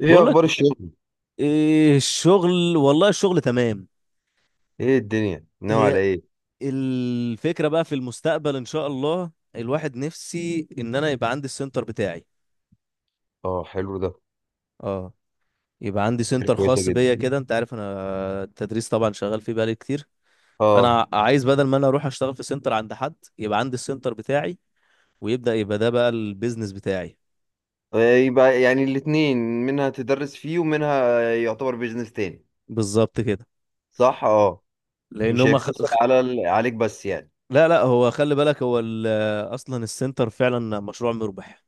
ايه بقول لك، اخبار الشغل؟ إيه الشغل؟ والله الشغل تمام. ايه الدنيا ناوي على هي ايه؟ الفكرة بقى في المستقبل، إن شاء الله، الواحد نفسي إن أنا يبقى عندي السنتر بتاعي. اه، حلو ده. اه، يبقى عندي فكرة سنتر كويسة خاص جدا. بيا كده. أنت عارف أنا التدريس طبعا شغال فيه بقالي كتير. اه. فأنا عايز بدل ما أنا أروح أشتغل في سنتر عند حد، يبقى عندي السنتر بتاعي، ويبدأ يبقى ده بقى البيزنس بتاعي. إيه، يبقى يعني الاتنين، منها تدرس فيه ومنها يعتبر بيزنس تاني. بالظبط كده. صح، اه. لأن مش هما هيقتصر على عليك بس يعني. لا لا، هو خلي بالك، هو أصلا السنتر فعلا مشروع مربح.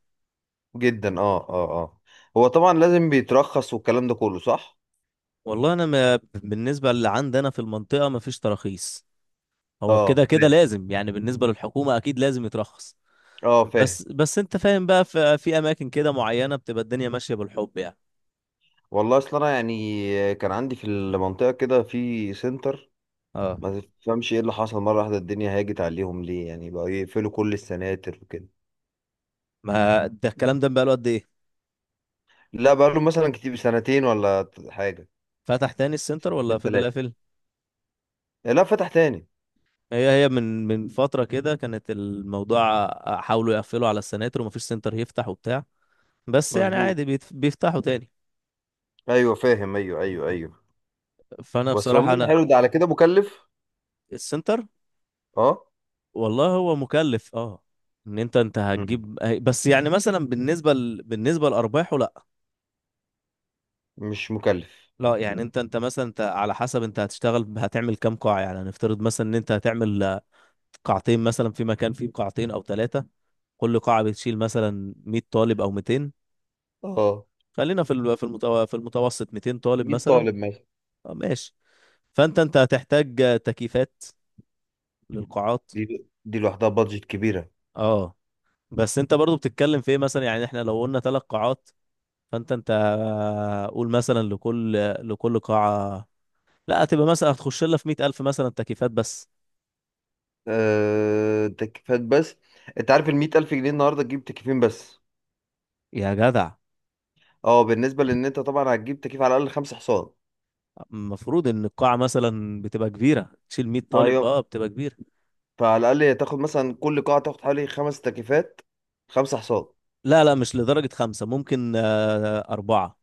جدا، اه، اه، اه. هو طبعا لازم بيترخص والكلام ده كله، صح. والله انا، ما بالنسبه اللي عندنا في المنطقه ما فيش تراخيص. هو اه، كده كده فاهم، لازم، يعني بالنسبه للحكومه اكيد لازم يترخص. اه، فاهم. بس انت فاهم بقى، في اماكن كده معينه بتبقى الدنيا ماشيه بالحب يعني. والله اصل انا يعني كان عندي في المنطقة كده في سنتر. اه. ما تفهمش ايه اللي حصل، مرة واحدة الدنيا هاجت عليهم ليه يعني، بقوا يقفلوا كل السناتر وكده. ما ده الكلام ده بقى له قد ايه؟ لا، بقاله مثلا كتير، سنتين ولا حاجة. فتح تاني السنتر ولا سنتين فضل ثلاثة. قافل؟ لا، فتح تاني. هي من فتره كده كانت الموضوع. حاولوا يقفلوا على السناتر ومفيش سنتر يفتح وبتاع. بس يعني مظبوط. عادي بيفتحوا تاني. ايوه، فاهم، ايوه، ايوه، ايوه. فانا بس بصراحه والله ده انا حلو، ده على كده مكلف. السنتر. اه. والله هو مكلف، اه. ان انت مم. هتجيب. بس يعني مثلا بالنسبه لارباحه لا. مش مكلف. لا يعني انت مثلا، انت على حسب، انت هتشتغل، هتعمل كام قاعه؟ يعني هنفترض مثلا ان انت هتعمل قاعتين مثلا، في مكان فيه قاعتين او ثلاثه. كل قاعه بتشيل مثلا 100 طالب او 200. اه. خلينا في المتوسط 200 طالب 100 مثلا. طالب مثلا. ماشي. فانت هتحتاج تكييفات للقاعات. دي لوحدها بادجت كبيرة. اه. بس انت برضو بتتكلم في ايه مثلا؟ يعني احنا لو قلنا ثلاث قاعات، فانت قول مثلا، لكل قاعة، لا هتبقى مثلا هتخش لها في 100,000 مثلا، تكييفات بس. تكييفات بس. انت عارف ال 100,000 جنيه النهارده تجيب تكييفين بس؟ يا جدع. اه، بالنسبة لان انت طبعا هتجيب تكييف على الاقل خمس حصان. المفروض ان القاعة مثلا بتبقى كبيرة، تشيل 100 طالب، ايوه. اه بتبقى كبيرة. فعلى الاقل هتاخد مثلا كل قاعة، تاخد حوالي خمس تكييفات. خمس حصان. لا لا مش لدرجة خمسة، ممكن أربعة.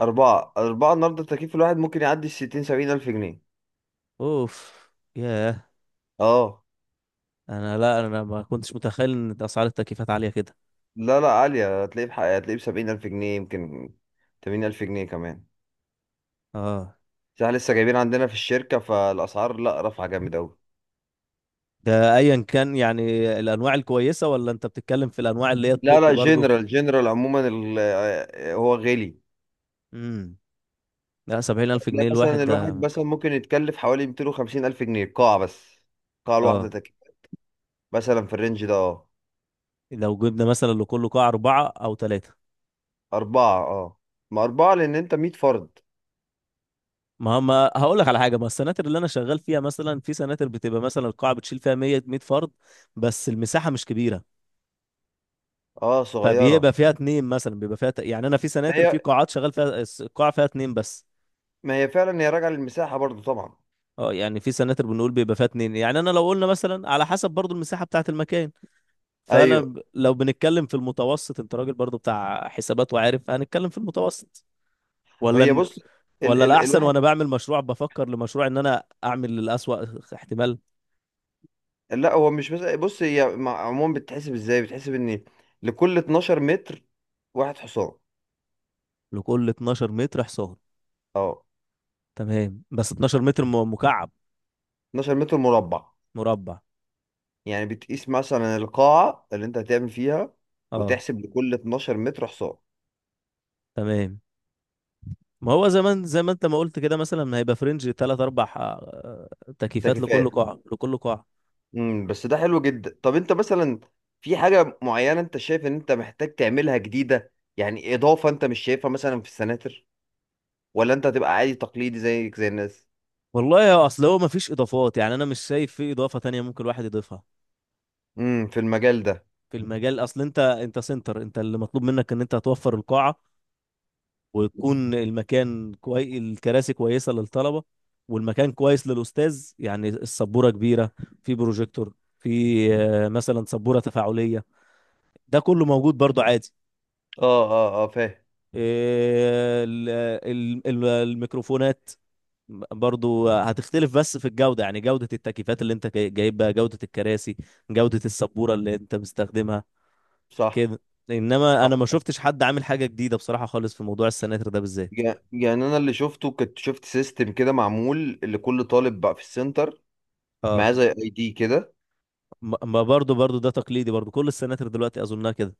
أربعة، أربعة النهاردة التكييف الواحد ممكن يعدي الستين سبعين ألف جنيه. اوف. ياه. اه. انا، لا انا ما كنتش متخيل ان اسعار التكييفات عالية كده. لا لا، عالية، هتلاقيه بحق، هتلاقيه بسبعين ألف جنيه يمكن. 80,000 جنيه كمان. اه. بس احنا لسه جايبين عندنا في الشركة، فالأسعار لا رافعة جامد أوي. ده ايا كان يعني، الانواع الكويسة ولا انت بتتكلم في الانواع اللي هي لا التوب لا، برضو؟ جنرال، جنرال عموما هو غالي. امم. لا، 70000 فتلاقي جنيه مثلا الواحد الواحد ده؟ مثلا ممكن يتكلف حوالي 250,000 جنيه القاعة بس. القاعة الواحدة اه، تكييف. مثلا في الرينج ده، اه. لو جبنا مثلا لكل قاعة أربعة أو ثلاثة. أربعة، اه. ما أربعة لأن أنت مية فرد. ما هم، هقول لك على حاجة، ما السناتر اللي أنا شغال فيها مثلا، في سناتر بتبقى مثلا القاعة بتشيل فيها 100 100 فرد، بس المساحة مش كبيرة. اه، فبيبقى صغيرة. فيها اتنين مثلا، بيبقى فيها يعني أنا في ما سناتر، في هي قاعات شغال فيها القاعة فيها اتنين بس. ما هي فعلا، هي راجعة للمساحة برضو طبعا. اه، يعني في سناتر بنقول بيبقى فيها اتنين، يعني أنا لو قلنا مثلا، على حسب برضو المساحة بتاعة المكان. فأنا ايوه. لو بنتكلم في المتوسط. أنت راجل برضو بتاع حسابات وعارف. هنتكلم في المتوسط ما هي ولا؟ بص. ال ال الأحسن؟ الواحد. وأنا بعمل مشروع بفكر لمشروع، إن أنا أعمل الأسوأ احتمال. لا، هو مش، بس بص، هي عموما بتحسب ازاي، بتحسب ان لكل 12 متر واحد حصان. لكل 12 متر حصان. اه. تمام، بس 12 متر مكعب؟ 12 متر مربع. مربع. يعني بتقيس مثلا القاعة اللي انت هتعمل فيها، أه. وتحسب لكل 12 متر حصان. تمام. ما هو زمان، زي ما أنت ما قلت كده، مثلا هيبقى فرنج تلات أربع ده تكييفات لكل كفاية. قاعة لكل قاعة. بس ده حلو جدا. طب انت مثلا، في حاجة معينة انت شايف ان انت محتاج تعملها جديدة؟ يعني اضافة انت مش شايفها مثلا في السناتر؟ ولا انت هتبقى عادي تقليدي زيك زي الناس؟ والله يا، أصل هو مفيش إضافات يعني، أنا مش شايف في إضافة تانية ممكن الواحد يضيفها. في المجال ده. في المجال، أصل أنت، سنتر، أنت اللي مطلوب منك إن أنت هتوفر القاعة، ويكون المكان الكراسي كويسة للطلبة، والمكان كويس للأستاذ، يعني السبورة كبيرة، في بروجيكتور، في مثلا سبورة تفاعلية. ده كله موجود برضو عادي. اه، اه، اه، فاهم. آه، ال- الميكروفونات برضو هتختلف، بس في الجودة، يعني جودة التكييفات اللي انت جايبها، جودة الكراسي، جودة السبورة اللي انت مستخدمها. صح، كده. انما صح، انا ما صح. شفتش حد عامل حاجة جديدة بصراحة خالص في موضوع السناتر ده بالذات. يعني انا اللي شفته، كنت شفت سيستم كده معمول لكل طالب بقى في السنتر. اه. معاه زي اي دي كده. ما برضو ده تقليدي برضو، كل السناتر دلوقتي اظنها كده.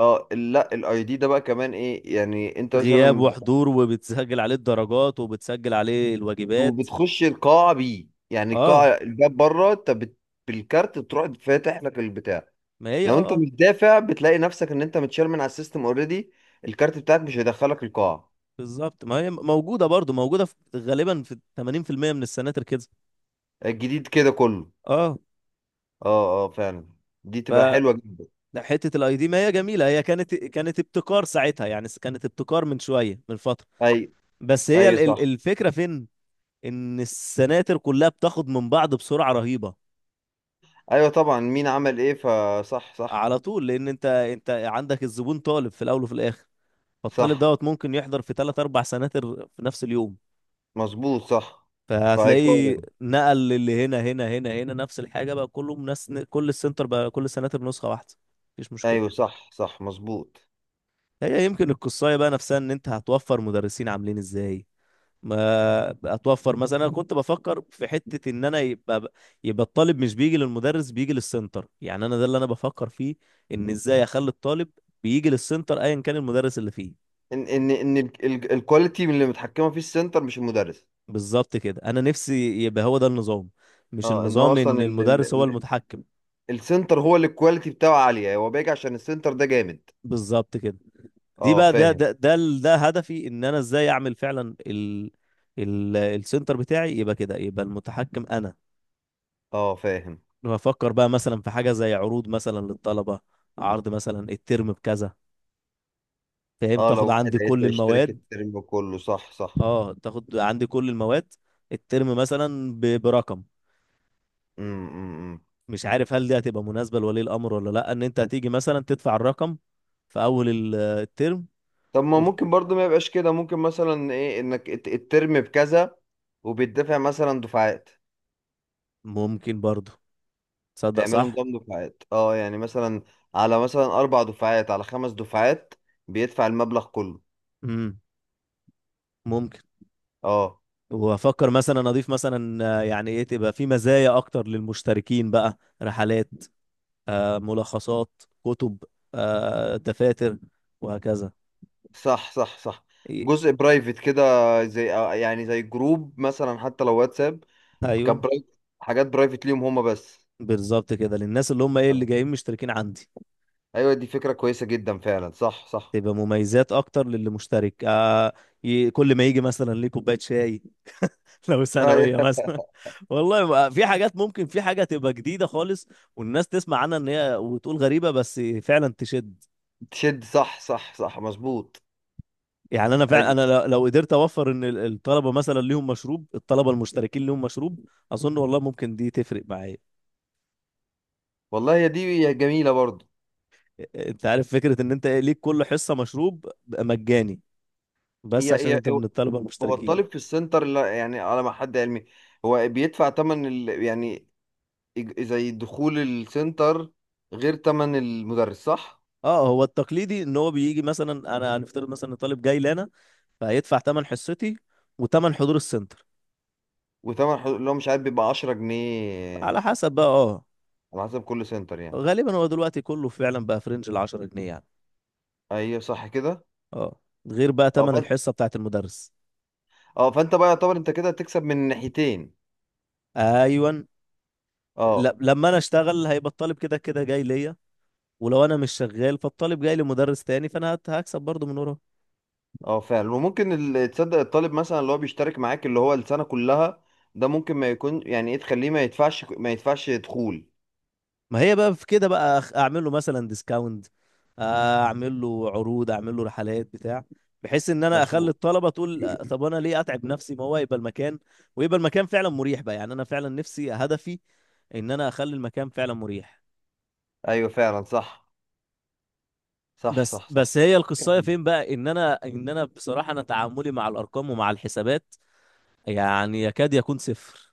اه، لا الاي دي ده بقى كمان ايه يعني انت غياب مثلا؟ وحضور، وبتسجل عليه الدرجات، وبتسجل عليه الواجبات. وبتخش القاعه بيه، يعني اه. القاعه الباب بره انت بالكارت بتروح فاتح لك البتاع. ما هي، اه لو انت اه. مش دافع بتلاقي نفسك ان انت متشال من على السيستم اوريدي. الكارت بتاعك مش هيدخلك القاعه. بالظبط، ما هي موجودة برضو، موجودة في غالبا في 80% من السناتر كده. الجديد كده كله. اه. اه، اه، فعلا. دي تبقى حلوه جدا. فحتة الاي دي، ما هي جميلة، هي كانت، كانت ابتكار ساعتها، يعني كانت ابتكار من شوية من فترة. اي، بس هي ايوه، صح. الفكرة فين؟ ان السناتر كلها بتاخد من بعض بسرعة رهيبة. ايوه طبعا، مين عمل ايه، فصح، صح. على طول، لان انت عندك الزبون طالب في الاول وفي الاخر. فالطالب صح، دوت ممكن يحضر في ثلاث اربع سناتر في نفس اليوم. مظبوط. صح، فهتلاقيه فهيقارن. نقل للي هنا هنا هنا هنا، نفس الحاجه بقى، كله ناس، كل السنتر بقى، كل السناتر نسخه واحده. مفيش ايوه، مشكله. صح، صح، مظبوط. هي يمكن القصايه بقى نفسها، ان انت هتوفر مدرسين عاملين ازاي. ما هتوفر مثلا، انا كنت بفكر في حته، ان انا يبقى، يبقى الطالب مش بيجي للمدرس، بيجي للسنتر. يعني انا ده اللي انا بفكر فيه، ان ازاي اخلي الطالب بيجي للسنتر ايا كان المدرس اللي فيه. ان الكواليتي اللي متحكمه فيه السنتر مش المدرس. بالظبط كده، انا نفسي يبقى هو ده النظام، مش اه، ان هو النظام ان اصلا ال ال المدرس هو ال المتحكم. السنتر هو اللي الكواليتي بتاعه عاليه، هو بيجي عشان السنتر ده جامد. بالظبط كده. دي اه، بقى، فاهم، ده هدفي، ان انا ازاي اعمل فعلا ال السنتر بتاعي يبقى كده، يبقى المتحكم انا. اه، فاهم. بفكر بقى مثلا في حاجه زي عروض مثلا للطلبه، عرض مثلا الترم بكذا، فاهم، اه، لو تاخد واحد عندي كل هيبقى يشترك المواد. الترم كله، صح، صح. اه، تاخد عندي كل المواد، الترم مثلا برقم. إمم، إمم. مش عارف هل دي هتبقى مناسبة لولي الأمر ولا لأ، إن أنت هتيجي مثلا تدفع الرقم في أول الترم طب ما و... ممكن برضو ما يبقاش كده، ممكن مثلا ايه، انك الترم بكذا وبيدفع مثلا دفعات. ممكن برضه. تصدق؟ تعملوا صح؟ نظام دفعات، اه يعني مثلا، على مثلا اربع دفعات، على خمس دفعات، بيدفع المبلغ كله. امم. ممكن. اه. وأفكر مثلا أضيف مثلا يعني إيه، تبقى في مزايا أكتر للمشتركين بقى، رحلات، ملخصات كتب، دفاتر، وهكذا. صح، صح، صح. إيه، جزء برايفت كده، زي يعني زي جروب مثلا حتى لو واتساب، أيوه. كبرايفت، حاجات برايفت ليهم هما بس. بالظبط كده للناس اللي هم إيه، اللي تمام. جايين مشتركين عندي. ايوه دي فكرة كويسة جدا فعلا، صح، صح. تبقى مميزات أكتر للي مشترك. كل ما يجي مثلا ليه كوباية شاي، لو ثانوية أيوة. مثلا. والله، في حاجات ممكن، في حاجة تبقى جديدة خالص، والناس تسمع عنها، ان هي وتقول غريبة بس فعلا تشد. تشد، صح، صح، صح، مظبوط. يعني انا فعلا انا، ايوه. لو قدرت اوفر ان الطلبة مثلا ليهم مشروب، الطلبة المشتركين ليهم مشروب، اظن والله ممكن دي تفرق معايا. والله هي دي، هي جميلة برضه. انت عارف، فكرة ان انت ليك كل حصة مشروب بقى مجاني، بس عشان هي هي انت من الطلبة هو المشتركين. الطالب في السنتر، لا يعني على ما حد علمي، هو بيدفع تمن يعني زي دخول السنتر، غير تمن المدرس، صح. اه، هو التقليدي ان هو بيجي مثلا، انا هنفترض مثلا إن طالب جاي لنا، فهيدفع تمن حصتي، وتمن حضور السنتر. وتمن حضور اللي هو مش عارف، بيبقى 10 جنيه. على حسب بقى، اه. على حسب كل سنتر يعني. غالبا هو دلوقتي كله فعلا بقى في رينج ال 10 جنيه يعني. ايوه، صح كده. اه. غير بقى اه، تمن فانت، الحصه بتاعت المدرس. اه، فانت بقى يعتبر انت كده هتكسب من ناحيتين. ايون. اه. لما انا اشتغل هيبقى الطالب كده كده جاي ليا، ولو انا مش شغال فالطالب جاي لمدرس تاني، فانا هكسب برضه من وراه. اه، فعلا، وممكن تصدق، الطالب مثلا اللي هو بيشترك معاك اللي هو السنة كلها، ده ممكن ما يكون يعني ايه، تخليه ما يدفعش دخول. ما هي بقى في كده بقى اعمل له مثلا ديسكاونت، اعمل له عروض، اعمل له رحلات بتاع، بحيث ان انا اخلي مظبوط. الطلبه تقول طب انا ليه اتعب نفسي؟ ما هو يبقى المكان، ويبقى المكان فعلا مريح بقى، يعني انا فعلا نفسي هدفي ان انا اخلي المكان فعلا مريح. ايوه فعلا، صح. صح، بس صح، صح. بس هي القصايه فين بقى، ان انا ان انا بصراحه انا تعاملي مع الارقام ومع الحسابات يعني يكاد يكون صفر.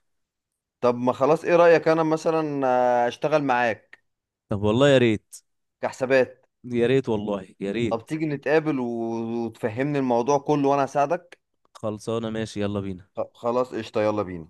طب ما خلاص، ايه رأيك انا مثلا اشتغل معاك طب والله يا ريت، كحسابات. يا ريت والله يا طب ريت. تيجي نتقابل وتفهمني الموضوع كله وانا اساعدك. خلصانه ماشي، يلا بينا. خلاص، قشطة، يلا بينا.